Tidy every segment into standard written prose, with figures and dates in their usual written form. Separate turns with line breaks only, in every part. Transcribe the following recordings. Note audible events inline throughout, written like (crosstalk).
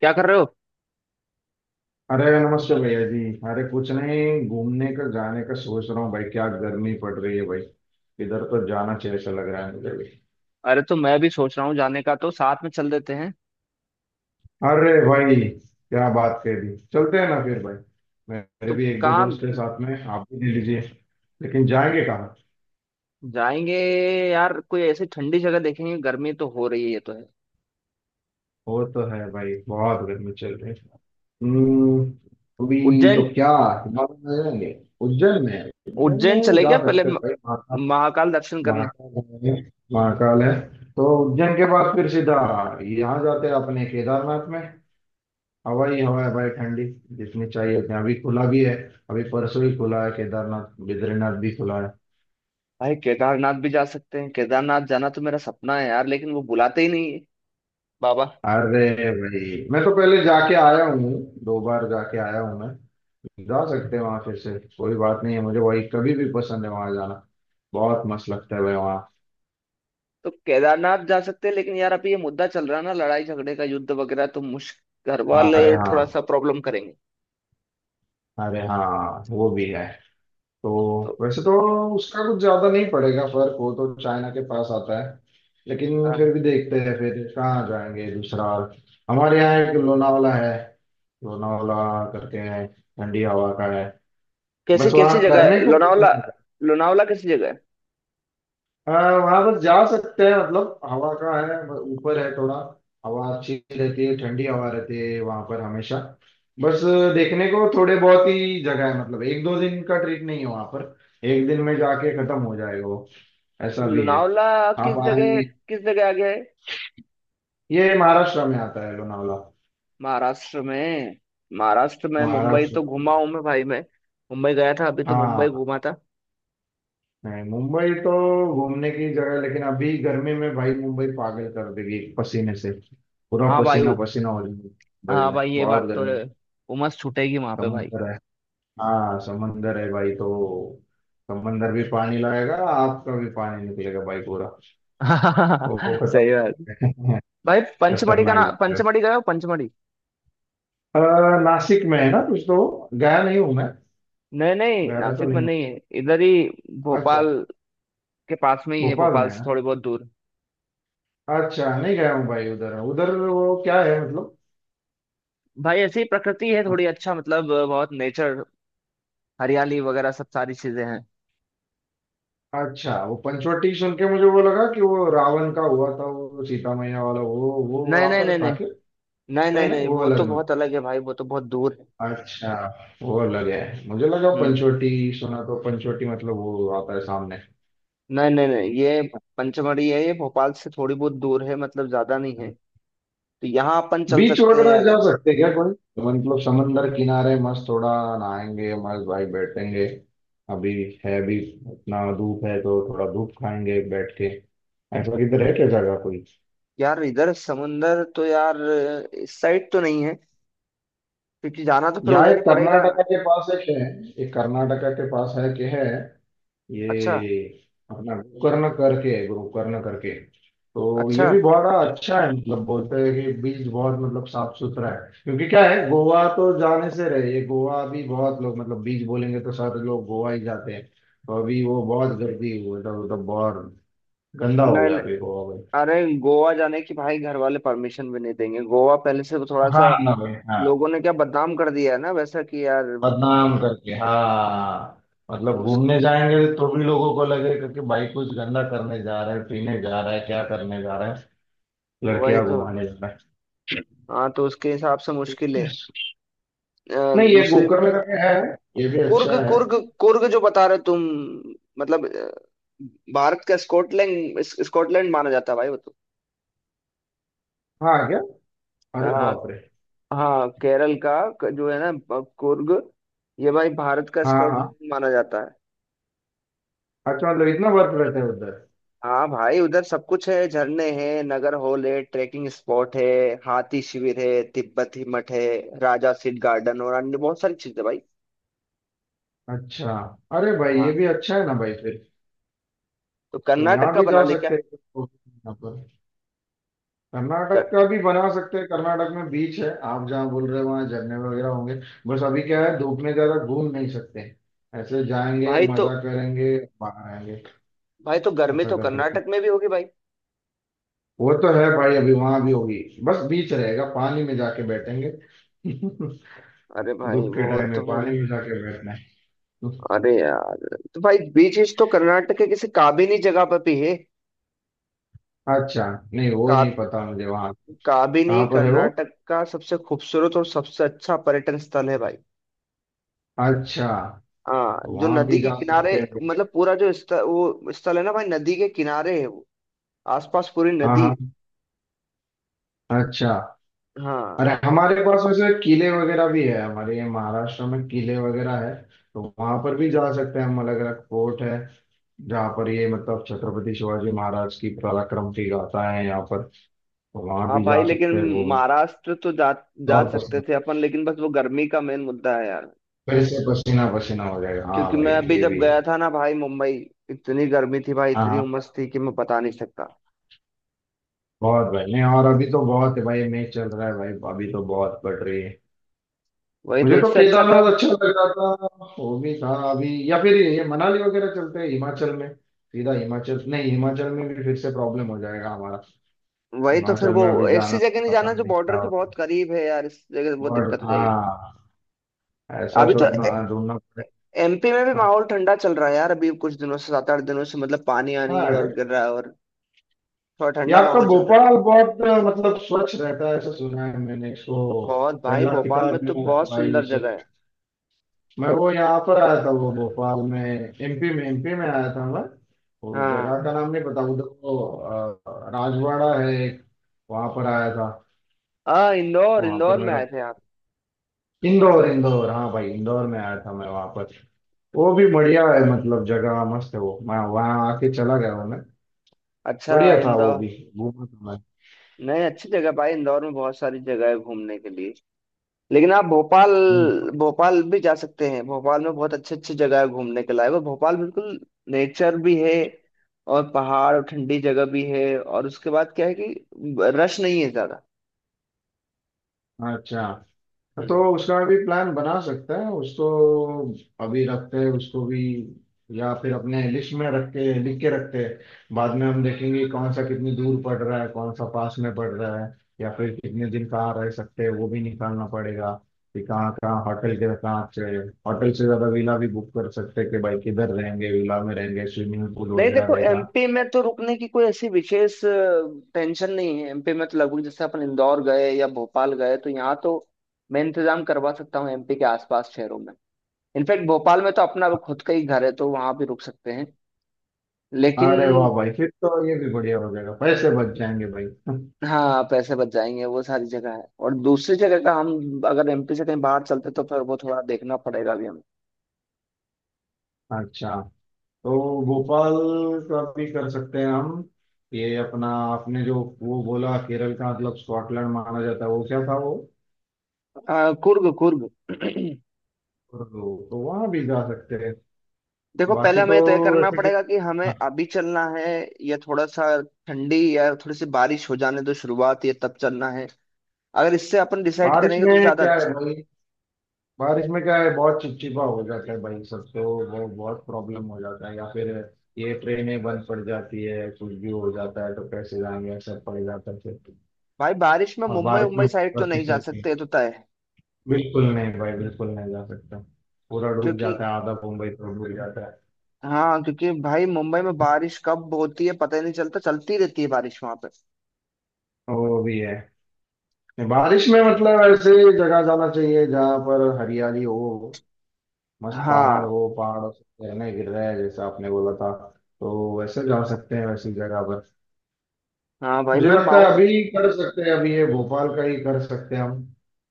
क्या कर रहे हो?
अरे नमस्ते भैया जी। अरे कुछ नहीं, घूमने का जाने का सोच रहा हूँ भाई, क्या गर्मी पड़ रही है भाई। इधर तो जाना चाहिए ऐसा लग रहा है मुझे भी।
अरे तो मैं भी सोच रहा हूँ जाने का, तो साथ में चल देते हैं।
अरे भाई, क्या बात कह दी, चलते हैं ना फिर भाई। मेरे
तो
भी एक दो
कहाँ
दोस्त हैं साथ में, आप भी ले लीजिए। लेकिन जाएंगे कहाँ?
जाएंगे? यार कोई ऐसी ठंडी जगह देखेंगे। गर्मी तो हो रही है, ये तो है।
वो तो है भाई, बहुत गर्मी चल रही है। हम्म, अभी
उज्जैन।
तो क्या हिमालय में जाएंगे? उज्जैन में? उज्जैन
उज्जैन
में
चले
जा
क्या पहले?
सकते हैं भाई।
महाकाल दर्शन करने।
महाकाल है, महाकाल है। तो उज्जैन के पास फिर सीधा यहाँ जाते हैं अपने केदारनाथ में। हवाई हवा है भाई ठंडी, जितनी चाहिए उतनी। अभी खुला भी है, अभी परसों ही खुला है केदारनाथ, बद्रीनाथ भी खुला है।
भाई केदारनाथ भी जा सकते हैं। केदारनाथ जाना तो मेरा सपना है यार, लेकिन वो बुलाते ही नहीं है बाबा।
अरे भाई, मैं तो पहले जाके आया हूँ। दो बार जाके आया हूँ मैं। जा सकते हैं वहां फिर से, कोई बात नहीं है, मुझे वही कभी भी पसंद है वहां जाना। बहुत मस्त लगता है भाई वहाँ।
तो केदारनाथ जा सकते हैं, लेकिन यार अभी ये मुद्दा चल रहा है ना, लड़ाई झगड़े का युद्ध वगैरह। तो मुश्किल, घर
अरे
वाले थोड़ा
हाँ,
सा प्रॉब्लम करेंगे।
अरे हाँ वो भी है। तो
तो
वैसे तो उसका कुछ ज्यादा नहीं पड़ेगा फर्क, वो तो चाइना के पास आता है। लेकिन
हाँ।
फिर भी देखते हैं फिर, कहाँ जाएंगे दूसरा। हमारे यहाँ एक लोनावाला है, लोनावाला करके है, ठंडी हवा का है।
कैसे
बस
कैसी
वहाँ
जगह है?
करने को कुछ
लोनावला।
नहीं है।
लोनावला कैसी जगह है?
वहाँ बस जा सकते हैं, मतलब हवा का है, ऊपर है थोड़ा। हवा अच्छी रहती है, ठंडी हवा रहती है वहाँ पर हमेशा। बस देखने को थोड़े बहुत ही जगह है, मतलब एक दो दिन का ट्रिप नहीं है वहाँ पर। एक दिन में जाके खत्म हो जाएगा वो, ऐसा भी है।
लोनावला
हाँ
किस जगह,
पानी।
किस जगह आ गया है?
ये महाराष्ट्र में आता है लोनावला।
महाराष्ट्र में? महाराष्ट्र में मुंबई
महाराष्ट्र
तो घुमा
में।
हूं मैं भाई। मैं मुंबई गया था, अभी तो मुंबई
हाँ,
घूमा था।
नहीं मुंबई तो घूमने की जगह है, लेकिन अभी गर्मी में भाई मुंबई पागल कर देगी पसीने से। पूरा
हाँ भाई
पसीना पसीना हो जाएगी। मुंबई
हाँ
में
भाई ये
बहुत
बात तो
गर्मी है।
है। उमस छूटेगी वहां पे भाई।
समंदर है। हाँ समंदर है भाई, तो समंदर भी पानी लाएगा, आपका भी पानी निकलेगा भाई पूरा। वो
(laughs) सही
खतरनाक
बात।
है। (laughs)
भाई पंचमढ़ी का
खतरनाक
ना,
जगह है।
पंचमढ़ी गए हो? पंचमढ़ी।
नासिक में है ना कुछ तो, गया नहीं हूँ मैं।
नहीं नहीं
गया तो
नासिक में
नहीं हूँ।
नहीं है, इधर ही।
अच्छा।
भोपाल के पास में ही है,
भोपाल।
भोपाल से थोड़ी बहुत दूर।
अच्छा, नहीं गया हूँ भाई उधर उधर, वो क्या है मतलब।
भाई ऐसी प्रकृति है थोड़ी, अच्छा मतलब बहुत नेचर, हरियाली वगैरह सब सारी चीजें हैं।
हाँ, अच्छा वो पंचवटी सुन के मुझे वो लगा कि वो रावण का हुआ था, वो सीता मैया वाला वो
नहीं
वहां
नहीं
पर
नहीं
था
नहीं।
क्या?
नहीं
नहीं
नहीं
नहीं,
नहीं,
वो
वो
अलग
तो
में।
बहुत अलग है भाई, वो तो बहुत दूर है।
अच्छा, वो अलग है, मुझे लगा
हम्म।
पंचवटी सुना तो पंचवटी मतलब वो आता है सामने।
नहीं नहीं नहीं, ये पंचमढ़ी है। ये भोपाल से थोड़ी बहुत दूर है, मतलब ज्यादा नहीं है। तो यहाँ अपन चल
बीच
सकते हैं
वगैरह जा
अगर।
सकते हैं क्या कोई, तो मतलब समंदर किनारे मस्त थोड़ा नहाएंगे, मस्त भाई बैठेंगे। अभी है भी, इतना धूप है तो थोड़ा धूप खाएंगे बैठ के। ऐसा किधर है क्या जगह कोई?
यार इधर समुंदर तो यार इस साइड तो नहीं है। क्योंकि जाना तो फिर
यहाँ
उधर
एक
ही पड़ेगा।
कर्नाटका के पास एक है। एक कर्नाटका के पास है कि है
अच्छा।
ये, अपना गोकर्ण करके है, गोकर्ण करके। तो
अच्छा।
ये भी बड़ा अच्छा है, मतलब बोलते हैं कि बीच बहुत मतलब साफ सुथरा है, क्योंकि क्या है, गोवा तो जाने से रहे। ये गोवा भी बहुत लोग मतलब बीच बोलेंगे तो सारे लोग गोवा ही जाते हैं। तो अभी वो बहुत गर्दी हुई, मतलब बहुत गंदा हो
नहीं
गया
नहीं,
अभी गोवा में।
अरे गोवा जाने की भाई घर वाले परमिशन भी नहीं देंगे। गोवा पहले से थोड़ा
हाँ
सा
ना भाई हाँ।
लोगों ने क्या बदनाम कर दिया है ना, वैसा कि यार।
बदनाम करके हाँ, मतलब
उस
घूमने जाएंगे तो भी लोगों को लगेगा कि भाई कुछ गंदा करने जा रहा है, पीने जा रहा है, क्या करने जा रहा है,
वही
लड़कियां
तो।
घुमाने जा रहा है।
हाँ, तो उसके हिसाब से मुश्किल है।
नहीं, ये
दूसरी।
गोकर्ण करके है, ये भी
कुर्ग,
अच्छा है।
कुर्ग। कुर्ग जो बता रहे तुम। मतलब भारत का स्कॉटलैंड, स्कॉटलैंड माना जाता है भाई वो तो।
हाँ क्या, अरे
हाँ।
बाप रे।
हाँ केरल का। जो है ना कुर्ग। ये भाई भारत का
हाँ हाँ,
स्कॉटलैंड माना जाता है।
अच्छा मतलब इतना बर्फ रहता है उधर।
हाँ भाई उधर सब कुछ है। झरने हैं, नगर हॉल है, ट्रैकिंग स्पॉट है, हाथी शिविर है, तिब्बती मठ है, राजा सीट गार्डन और अन्य बहुत सारी चीजें भाई।
अच्छा, अरे भाई
हाँ
ये भी अच्छा है ना भाई फिर।
तो
तो
कर्नाटक
यहाँ
का
भी
बना
जा
ले क्या?
सकते हैं, कर्नाटक
कर
का भी बना सकते हैं। कर्नाटक में बीच है आप जहाँ बोल रहे हो, वहाँ झरने वगैरह होंगे। बस अभी क्या है, धूप में ज्यादा घूम नहीं सकते। ऐसे जाएंगे
भाई तो।
मजा करेंगे, बाहर आएंगे,
भाई तो गर्मी
ऐसा
तो
कर सकते हैं।
कर्नाटक में भी होगी भाई।
वो तो है भाई, अभी वहां भी होगी। बस बीच रहेगा, पानी में जाके बैठेंगे। (laughs)
अरे भाई
धूप के
वो
टाइम में
तो फिर।
पानी में जाके बैठना है।
अरे यार तो भाई बीचेस तो कर्नाटक के किसी काबिनी जगह पर भी है।
अच्छा, नहीं वो
का,
नहीं पता मुझे वहां।
काबिनी
कहाँ पर है वो?
कर्नाटक का सबसे खूबसूरत और सबसे अच्छा पर्यटन स्थल है भाई।
अच्छा,
हाँ
तो
जो
वहां
नदी
भी
के
जा
किनारे,
सकते हैं।
मतलब पूरा जो वो स्थल है ना भाई, नदी के किनारे है वो। आसपास पूरी
हाँ
नदी है।
हाँ, अच्छा।
हाँ।
अरे हमारे पास वैसे किले वगैरह भी है, हमारे ये महाराष्ट्र में किले वगैरह है। तो वहां पर भी जा सकते हैं हम, अलग अलग फोर्ट है, जहाँ पर ये मतलब छत्रपति शिवाजी महाराज की पराक्रम की गाथा है यहाँ पर। तो वहां
हाँ
भी
भाई
जा
लेकिन
सकते हैं वो।
महाराष्ट्र तो जा जा
और
सकते
पसीना,
थे अपन, लेकिन बस वो गर्मी का मेन मुद्दा है यार।
फिर से पसीना पसीना हो जाएगा, हाँ
क्योंकि
भाई
मैं अभी
ये
जब
भी
गया
है।
था ना भाई मुंबई, इतनी गर्मी थी भाई,
हाँ
इतनी
हाँ,
उमस थी कि मैं बता नहीं सकता।
बहुत भाई। नहीं, और अभी तो बहुत है भाई, मैच चल रहा है भाई, अभी तो बहुत बढ़ रही है।
वही तो,
मुझे तो
इससे अच्छा तो।
केदारनाथ अच्छा लग रहा था। वो भी था अभी, या फिर ये मनाली वगैरह चलते हैं हिमाचल में सीधा। हिमाचल, नहीं हिमाचल में भी फिर से प्रॉब्लम हो जाएगा हमारा।
वही तो फिर
हिमाचल
वो।
में अभी
ऐसी
जाना
जगह
तो
नहीं जाना
पता
जो
नहीं क्या
बॉर्डर के
होता
बहुत
है।
करीब है यार, इस जगह बहुत
बट
दिक्कत हो जाएगी।
हाँ, ऐसा
अभी तो
सोचना। हाँ, ढूंढना पड़ेगा।
एमपी में भी माहौल ठंडा चल रहा है यार। अभी कुछ दिनों से, 7-8 दिनों से, मतलब पानी आनी और
हाँ।
गिर रहा है, और थोड़ा
ये
ठंडा
आपका
माहौल चल रहा है।
भोपाल बहुत मतलब स्वच्छ रहता है, ऐसा सुना है मैंने इसको।
बहुत भाई,
पहला
भोपाल में
किताब
तो
मिला था
बहुत
भाई
सुंदर
से,
जगह है।
मैं वो यहाँ पर आया था, वो भोपाल में, एमपी में, एमपी में आया था मैं, वो
हाँ।
जगह का नाम नहीं पता उधर वो राजवाड़ा है एक, वहां पर आया था।
हाँ इंदौर,
वहां
इंदौर
पर
में
मेरा
आए थे आप?
इंदौर, इंदौर हाँ भाई इंदौर में आया था मैं वहां पर। वो भी बढ़िया है, मतलब जगह मस्त है वो, मैं वहां आके चला गया हूँ मैं।
अच्छा।
बढ़िया था वो
इंदौर।
भी, घूमा था मैं
नहीं, अच्छी जगह भाई। इंदौर में बहुत सारी जगह है घूमने के लिए। लेकिन आप भोपाल,
इंदौर-
भोपाल भी जा सकते हैं। भोपाल में बहुत अच्छे अच्छे जगह है घूमने के लायक, और भोपाल बिल्कुल नेचर भी है, और पहाड़ और ठंडी जगह भी है। और उसके बाद क्या है कि रश नहीं है ज्यादा।
अच्छा। तो
हम्म।
उसका भी प्लान बना सकते हैं, उसको अभी रखते हैं उसको भी। या फिर अपने लिस्ट में रख के लिख के रखते हैं, बाद में हम देखेंगे कौन सा कितनी दूर पड़ रहा है, कौन सा पास में पड़ रहा है, या फिर कितने दिन कहाँ रह सकते हैं वो भी निकालना पड़ेगा, कि कहाँ कहाँ होटल के, कहाँ अच्छे होटल से ज्यादा विला भी बुक कर सकते हैं, कि भाई किधर रहेंगे, विला में रहेंगे, स्विमिंग पूल
नहीं
वगैरह
देखो,
रहेगा।
एमपी में तो रुकने की कोई ऐसी विशेष टेंशन नहीं है। एमपी में तो लगभग, जैसे अपन इंदौर गए या भोपाल गए, तो यहाँ तो मैं इंतजाम करवा सकता हूँ एमपी के आसपास शहरों में। इनफैक्ट भोपाल में तो अपना खुद का ही घर है, तो वहां भी रुक सकते हैं। लेकिन
अरे वाह भाई, फिर तो ये भी बढ़िया हो जाएगा, पैसे बच जाएंगे भाई। (laughs)
हाँ, पैसे बच जाएंगे। वो सारी जगह है, और दूसरी जगह का हम अगर एमपी से कहीं बाहर चलते तो फिर वो थोड़ा देखना पड़ेगा भी हमें।
अच्छा, तो भोपाल का भी कर सकते हैं हम। ये अपना आपने जो वो बोला, केरल का मतलब स्कॉटलैंड माना जाता है, वो क्या था वो?
कुर्ग, कुर्ग। (clears throat)
तो, तो वहां भी जा सकते हैं।
देखो, पहले
बाकी तो
हमें तय करना
वैसे कि
पड़ेगा कि हमें
हाँ,
अभी चलना है, या थोड़ा सा ठंडी या थोड़ी सी बारिश हो जाने दो शुरुआत, या तब चलना है। अगर इससे अपन डिसाइड
बारिश
करेंगे तो
में
ज्यादा
क्या
अच्छा।
है भाई, बारिश में क्या है, बहुत चिपचिपा हो जाता है भाई सब तो। वो बहुत प्रॉब्लम हो जाता है, या फिर ये ट्रेनें बंद पड़ जाती है, कुछ भी हो जाता है, तो कैसे जाएंगे, सब पड़ जाता है फिर।
भाई बारिश में
और
मुंबई,
बारिश
मुंबई
में
साइड तो
बर्फी
नहीं जा
चलती है,
सकते, ये तो तय है।
बिल्कुल नहीं भाई, बिल्कुल नहीं जा सकता, पूरा डूब
क्योंकि,
जाता है, आधा मुंबई तो डूब जाता है।
हाँ, क्योंकि भाई मुंबई में बारिश कब होती है पता ही नहीं चलता, चलती रहती है बारिश वहां पे।
वो भी है। बारिश में मतलब ऐसे जगह जाना चाहिए जहाँ पर हरियाली हो, मस्त पहाड़
हाँ।
हो, पहाड़ों से झरने गिर रहे हैं जैसा आपने बोला था। तो वैसे जा सकते हैं वैसी जगह पर।
हाँ भाई
मुझे
मैं
लगता है
माउंट।
अभी कर सकते हैं, अभी ये भोपाल का ही कर सकते हैं हम,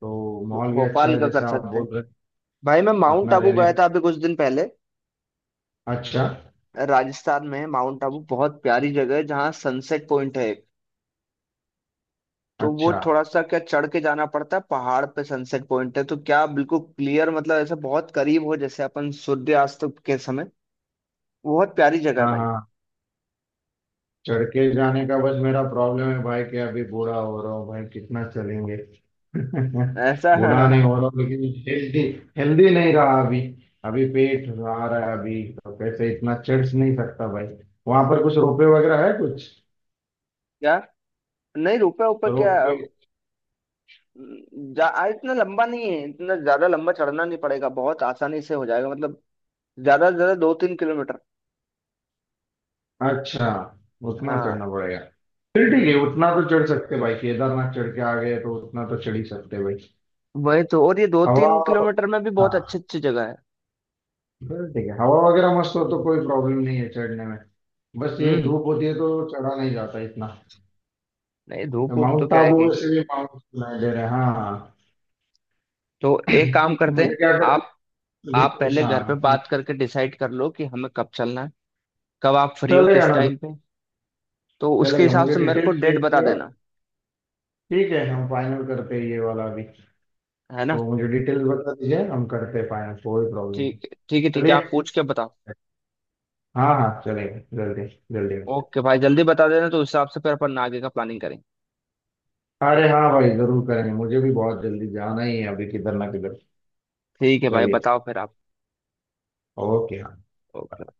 तो माहौल भी अच्छा
भोपाल
है
का कर
जैसे आप
सकते
बोल
हैं।
रहे
भाई मैं
हैं,
माउंट
अपना
आबू
रहने
गया
का।
था अभी कुछ दिन पहले।
अच्छा।
राजस्थान में है माउंट आबू, बहुत प्यारी जगह है, जहाँ सनसेट पॉइंट है एक। तो वो
अच्छा।
थोड़ा सा क्या चढ़ के जाना पड़ता है पहाड़ पे। सनसेट पॉइंट है तो क्या बिल्कुल क्लियर, मतलब ऐसा बहुत करीब हो जैसे अपन सूर्यास्त के समय। बहुत प्यारी जगह है
हाँ
भाई।
हाँ, चढ़ के जाने का बस मेरा प्रॉब्लम है भाई, कि अभी बूढ़ा हो रहा हूँ भाई, कितना चलेंगे। (laughs)
ऐसा।
बूढ़ा नहीं हो
(laughs)
रहा हूँ, लेकिन हेल्दी, हेल्दी नहीं रहा अभी। अभी पेट आ रहा है अभी, तो कैसे इतना चढ़ नहीं सकता भाई। वहां पर कुछ रोपवे वगैरह है कुछ?
क्या? नहीं रुपए ऊपर क्या?
रोपवे।
जा इतना लंबा नहीं है, इतना ज्यादा लंबा चढ़ना नहीं पड़ेगा, बहुत आसानी से हो जाएगा मतलब। ज्यादा से ज्यादा 2-3 किलोमीटर।
अच्छा, उतना
हाँ।
चढ़ना पड़ेगा। फिर ठीक है,
हम्म।
उतना तो चढ़ सकते भाई, केदारनाथ चढ़ के आ गए तो उतना तो चढ़ ही सकते भाई।
वही तो, और ये दो
हवा,
तीन किलोमीटर में भी बहुत अच्छी
हाँ
अच्छी जगह है।
फिर ठीक है, हवा वगैरह मस्त हो तो कोई प्रॉब्लम नहीं है चढ़ने में। बस ये
हम्म।
धूप होती है तो चढ़ा नहीं जाता इतना।
नहीं धूप
तो
वूप तो
माउंट
क्या है
आबू
कि।
वैसे भी माउंट सुनाई दे रहे हैं हाँ।
तो
(clears throat)
एक काम
तो
करते
मुझे
हैं।
क्या कर
आप आप
डिटेल्स,
पहले घर पे बात करके डिसाइड कर लो कि हमें कब चलना है, कब आप फ्री हो
चलेगा
किस
ना।
टाइम पे। तो उसके
चलेगा,
हिसाब
मुझे
से मेरे को
डिटेल्स
डेट
भेज
बता
दिया,
देना।
ठीक है हम फाइनल करते हैं ये वाला भी।
है ना।
तो मुझे डिटेल्स बता दीजिए, हम करते हैं फाइनल, कोई प्रॉब्लम नहीं।
ठीक, ठीक है ठीक है, आप
चलिए।
पूछ के बताओ।
हाँ हाँ चलेगा, जल्दी जल्दी मिलते
ओके भाई, जल्दी बता देना, तो उस हिसाब से फिर अपन आगे का प्लानिंग करें।
हैं। अरे हाँ भाई, जरूर करेंगे, मुझे भी बहुत जल्दी जाना ही है अभी किधर ना किधर।
ठीक है भाई,
चलिए।
बताओ फिर आप।
ओके।
ओके।